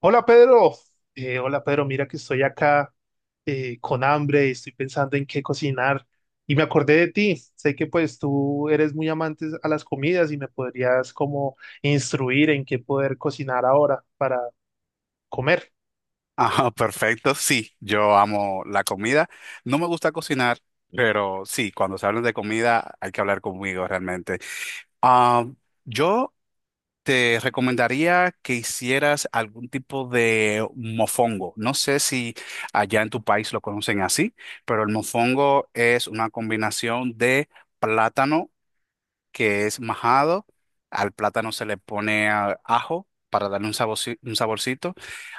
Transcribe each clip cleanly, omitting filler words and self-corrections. Hola Pedro. Hola Pedro, mira que estoy acá con hambre y estoy pensando en qué cocinar y me acordé de ti, sé que pues tú eres muy amante a las comidas y me podrías como instruir en qué poder cocinar ahora para comer. Ajá, perfecto. Sí, yo amo la comida. No me gusta cocinar, pero sí, cuando se habla de comida hay que hablar conmigo realmente. Ah, yo te recomendaría que hicieras algún tipo de mofongo. No sé si allá en tu país lo conocen así, pero el mofongo es una combinación de plátano que es majado. Al plátano se le pone ajo para darle un un saborcito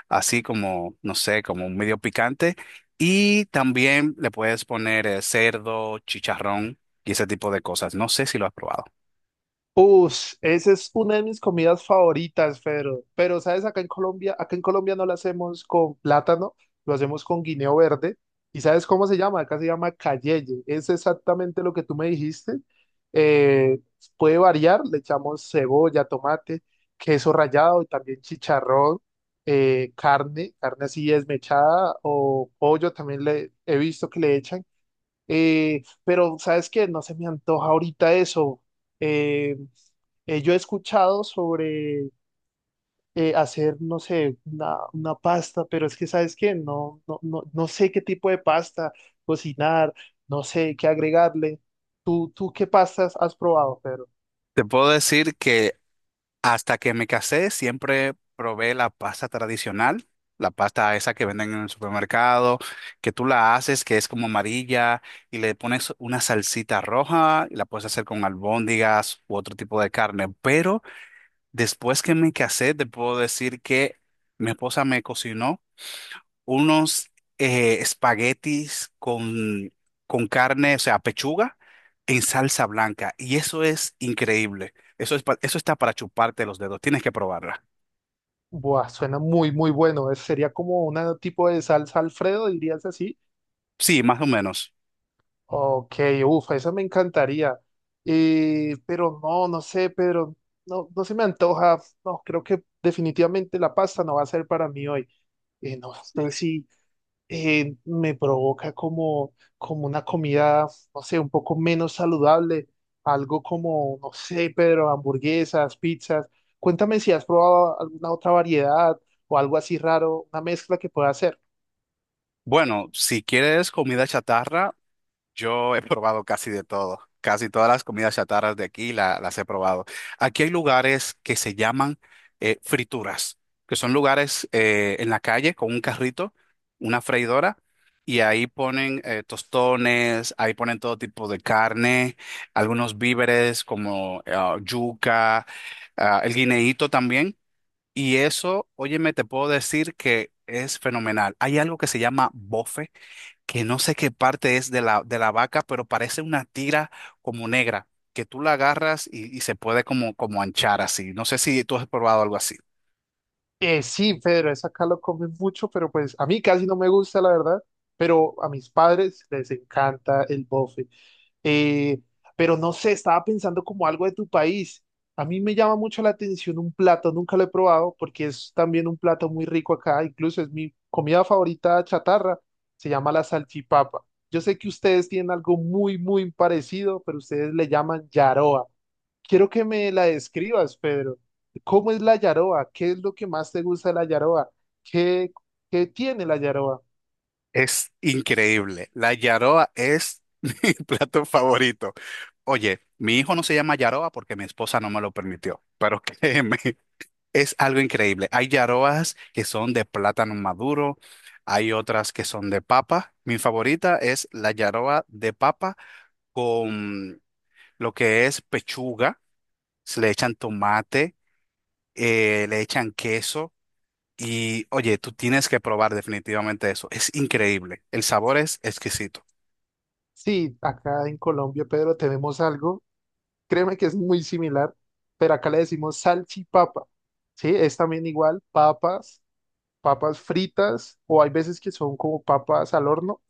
así como, no sé, como un medio picante. Y también le puedes poner cerdo, chicharrón y ese tipo de cosas. No sé si lo has probado. Uf, esa es una de mis comidas favoritas, Pedro. Pero, ¿sabes? Acá en Colombia no la hacemos con plátano, lo hacemos con guineo verde. ¿Y sabes cómo se llama? Acá se llama cayeye. Es exactamente lo que tú me dijiste. Eh, Puede variar, le echamos cebolla, tomate, queso rallado y también chicharrón, carne, carne así desmechada o pollo también le he visto que le echan. Pero, ¿sabes qué? No se me antoja ahorita eso. Eh, yo he escuchado sobre hacer, no sé, una pasta, pero es que, ¿sabes qué? No, no, no, no sé qué tipo de pasta cocinar, no sé qué agregarle. ¿Tú qué pastas has probado, Pedro? Te puedo decir que hasta que me casé siempre probé la pasta tradicional, la pasta esa que venden en el supermercado, que tú la haces, que es como amarilla y le pones una salsita roja y la puedes hacer con albóndigas u otro tipo de carne. Pero después que me casé, te puedo decir que mi esposa me cocinó unos espaguetis con carne, o sea, pechuga en salsa blanca. Y eso es increíble. Eso está para chuparte los dedos. Tienes que probarla. Buah, suena muy, muy bueno. Es- sería como un tipo de salsa Alfredo, dirías así. Sí, más o menos. Ok, uff, eso me encantaría. Pero no, no sé, Pedro, no, no se me antoja. No, creo que definitivamente la pasta no va a ser para mí hoy. No sé si me provoca como, como una comida, no sé, un poco menos saludable, algo como, no sé, Pedro, hamburguesas, pizzas. Cuéntame si has probado alguna otra variedad o algo así raro, una mezcla que pueda hacer. Bueno, si quieres comida chatarra, yo he probado casi de todo, casi todas las comidas chatarras de aquí las he probado. Aquí hay lugares que se llaman frituras, que son lugares en la calle con un carrito, una freidora, y ahí ponen tostones, ahí ponen todo tipo de carne, algunos víveres como yuca, el guineíto también. Y eso, óyeme, te puedo decir que es fenomenal. Hay algo que se llama bofe, que no sé qué parte es de de la vaca, pero parece una tira como negra, que tú la agarras y se puede como, como anchar así. No sé si tú has probado algo así. Sí, Pedro, es acá lo comen mucho, pero pues a mí casi no me gusta, la verdad, pero a mis padres les encanta el bofe. Eh, pero no sé, estaba pensando como algo de tu país. A mí me llama mucho la atención un plato, nunca lo he probado porque es también un plato muy rico acá, incluso es mi comida favorita chatarra, se llama la salchipapa. Yo sé que ustedes tienen algo muy, muy parecido, pero ustedes le llaman yaroa. Quiero que me la describas, Pedro. ¿Cómo es la yaroa? ¿Qué es lo que más te gusta de la yaroa? ¿Qué, ¿Qué tiene la yaroa? Es increíble. La yaroa es mi plato favorito. Oye, mi hijo no se llama yaroa porque mi esposa no me lo permitió, pero créeme, es algo increíble. Hay yarobas que son de plátano maduro, hay otras que son de papa. Mi favorita es la yaroba de papa con lo que es pechuga. Se le echan tomate, le echan queso y oye, tú tienes que probar definitivamente eso. Es increíble. El sabor es exquisito. Sí, acá en Colombia, Pedro, tenemos algo. Créeme que es muy similar, pero acá le decimos salchipapa. Sí, es también igual, papas fritas, o hay veces que son como papas al horno,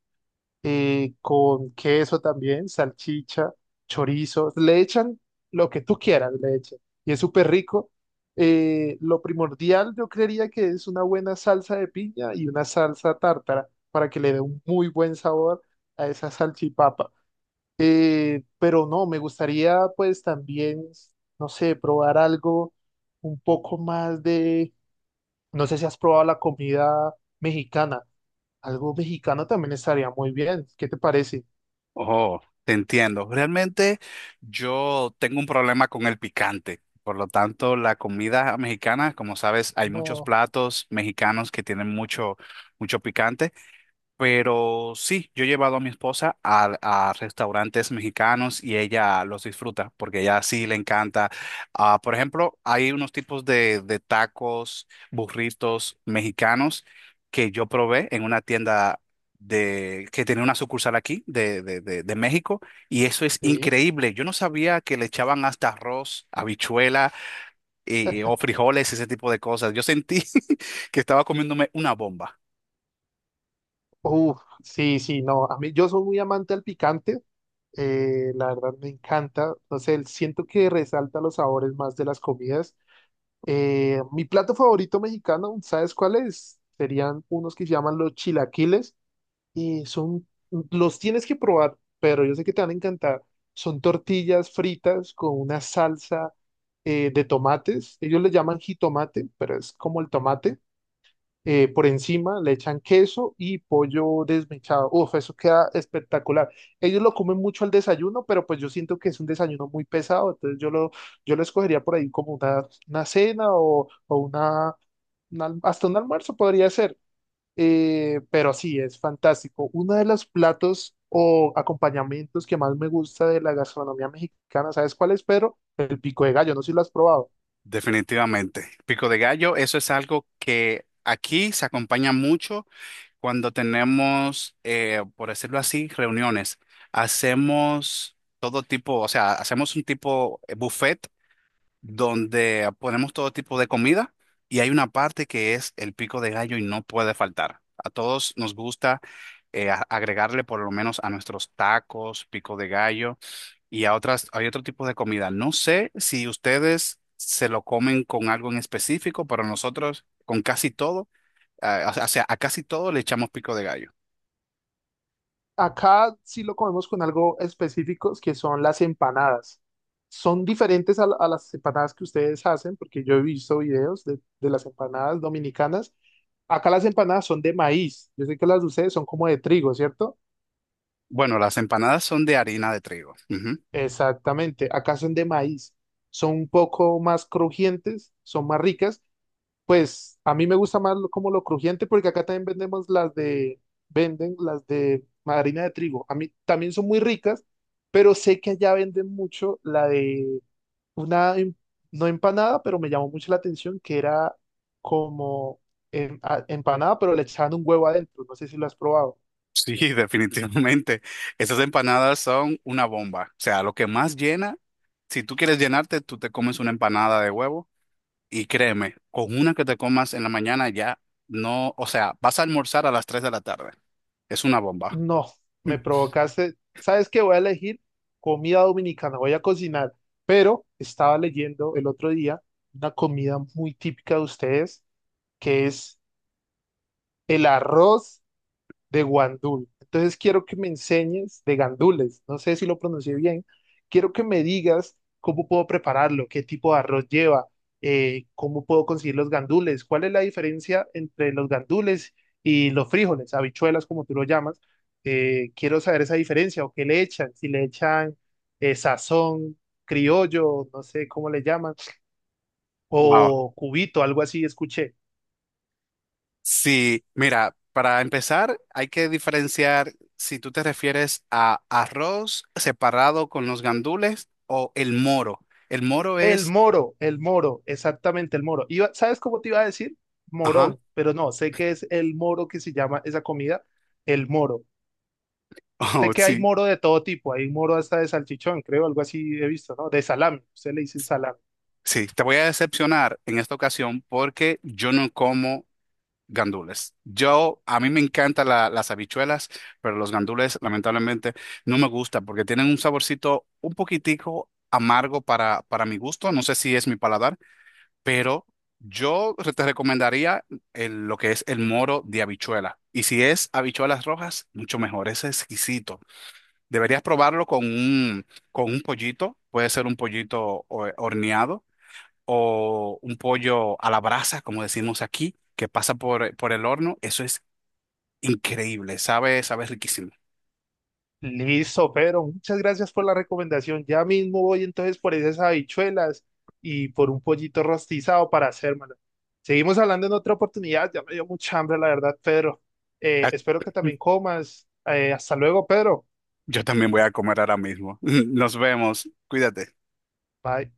con queso también, salchicha, chorizo, le echan lo que tú quieras, le echan, y es súper rico. Lo primordial yo creería que es una buena salsa de piña y una salsa tártara para que le dé un muy buen sabor a esa salchipapa. Pero no, me gustaría pues también, no sé, probar algo un poco más de, no sé si has probado la comida mexicana, algo mexicano también estaría muy bien, ¿qué te parece? Oh, te entiendo. Realmente yo tengo un problema con el picante. Por lo tanto, la comida mexicana, como sabes, hay muchos No, platos mexicanos que tienen mucho picante. Pero sí, yo he llevado a mi esposa a restaurantes mexicanos y ella los disfruta porque ella sí le encanta. Por ejemplo, hay unos tipos de tacos, burritos mexicanos que yo probé en una tienda que tenía una sucursal aquí de México y eso es sí. increíble. Yo no sabía que le echaban hasta arroz, habichuela y, o frijoles, ese tipo de cosas. Yo sentí que estaba comiéndome una bomba. Uf, sí, sí, no, a mí yo soy muy amante al picante, la verdad me encanta, no sé, siento que resalta los sabores más de las comidas. Mi plato favorito mexicano, ¿sabes cuál es? Serían unos que se llaman los chilaquiles. Y son, los tienes que probar, pero yo sé que te van a encantar. Son tortillas fritas con una salsa de tomates. Ellos le llaman jitomate, pero es como el tomate. Por encima le echan queso y pollo desmechado. Uf, eso queda espectacular. Ellos lo comen mucho al desayuno, pero pues yo siento que es un desayuno muy pesado. Entonces yo lo escogería por ahí como una cena o una- hasta un almuerzo podría ser. Pero sí, es fantástico. Uno de los platos o acompañamientos que más me gusta de la gastronomía mexicana, ¿sabes cuál es, Pedro? El pico de gallo, no sé si lo has probado. Definitivamente. Pico de gallo, eso es algo que aquí se acompaña mucho cuando tenemos, por decirlo así, reuniones. Hacemos todo tipo, o sea, hacemos un tipo buffet donde ponemos todo tipo de comida y hay una parte que es el pico de gallo y no puede faltar. A todos nos gusta agregarle por lo menos a nuestros tacos, pico de gallo y a otras, hay otro tipo de comida. No sé si ustedes se lo comen con algo en específico, pero nosotros con casi todo, ah, o sea, a casi todo le echamos pico de gallo. Acá sí lo comemos con algo específicos que son las empanadas. Son diferentes a, la- a las empanadas que ustedes hacen, porque yo he visto videos de las empanadas dominicanas. Acá las empanadas son de maíz. Yo sé que las de ustedes son como de trigo, ¿cierto? Bueno, las empanadas son de harina de trigo. Ujú. Exactamente, acá son de maíz, son un poco más crujientes, son más ricas. Pues a mí me gusta más lo- como lo crujiente porque acá también vendemos venden las de harina de trigo. A mí también son muy ricas, pero sé que allá venden mucho la de una, em- no empanada, pero me llamó mucho la atención que era como em- a- empanada, pero le echaban un huevo adentro. No sé si lo has probado. Sí, definitivamente. Esas empanadas son una bomba. O sea, lo que más llena, si tú quieres llenarte, tú te comes una empanada de huevo y créeme, con una que te comas en la mañana ya no, o sea, vas a almorzar a las 3 de la tarde. Es una bomba. No, me provocaste. ¿Sabes qué? Voy a elegir comida dominicana, voy a cocinar, pero estaba leyendo el otro día una comida muy típica de ustedes, que es el arroz de Guandul. Entonces quiero que me enseñes de gandules, no sé si lo pronuncié bien, quiero que me digas cómo puedo prepararlo, qué tipo de arroz lleva, cómo puedo conseguir los gandules, cuál es la diferencia entre los gandules y los frijoles, habichuelas como tú lo llamas. Quiero saber esa diferencia o qué le echan, si le echan sazón, criollo, no sé cómo le llaman, Wow. o cubito, algo así, escuché. Sí, mira, para empezar hay que diferenciar si tú te refieres a arroz separado con los gandules o el moro. El moro es, El moro, exactamente el moro. Iba, ¿sabes cómo te iba a decir? ajá, Morón, pero no, sé que es el moro que se llama esa comida, el moro. oh, Sé que hay sí, moro de todo tipo, hay moro hasta de salchichón, creo, algo así he visto, ¿no? De salami, usted le dice salami. sí, te voy a decepcionar en esta ocasión porque yo no como gandules. Yo, a mí me encantan las habichuelas, pero los gandules lamentablemente no me gustan porque tienen un saborcito un poquitico amargo para mi gusto, no sé si es mi paladar, pero yo te recomendaría lo que es el moro de habichuela. Y si es habichuelas rojas, mucho mejor, es exquisito. Deberías probarlo con con un pollito, puede ser un pollito horneado o un pollo a la brasa, como decimos aquí, que pasa por el horno. Eso es increíble, sabe, sabe riquísimo. Listo, Pedro, muchas gracias por la recomendación. Ya mismo voy entonces por esas habichuelas y por un pollito rostizado para hacérmelo. Seguimos hablando en otra oportunidad, ya me dio mucha hambre, la verdad, Pedro. Ah, Espero que también comas. Hasta luego, Pedro. yo también voy a comer ahora mismo. Nos vemos, cuídate. Bye.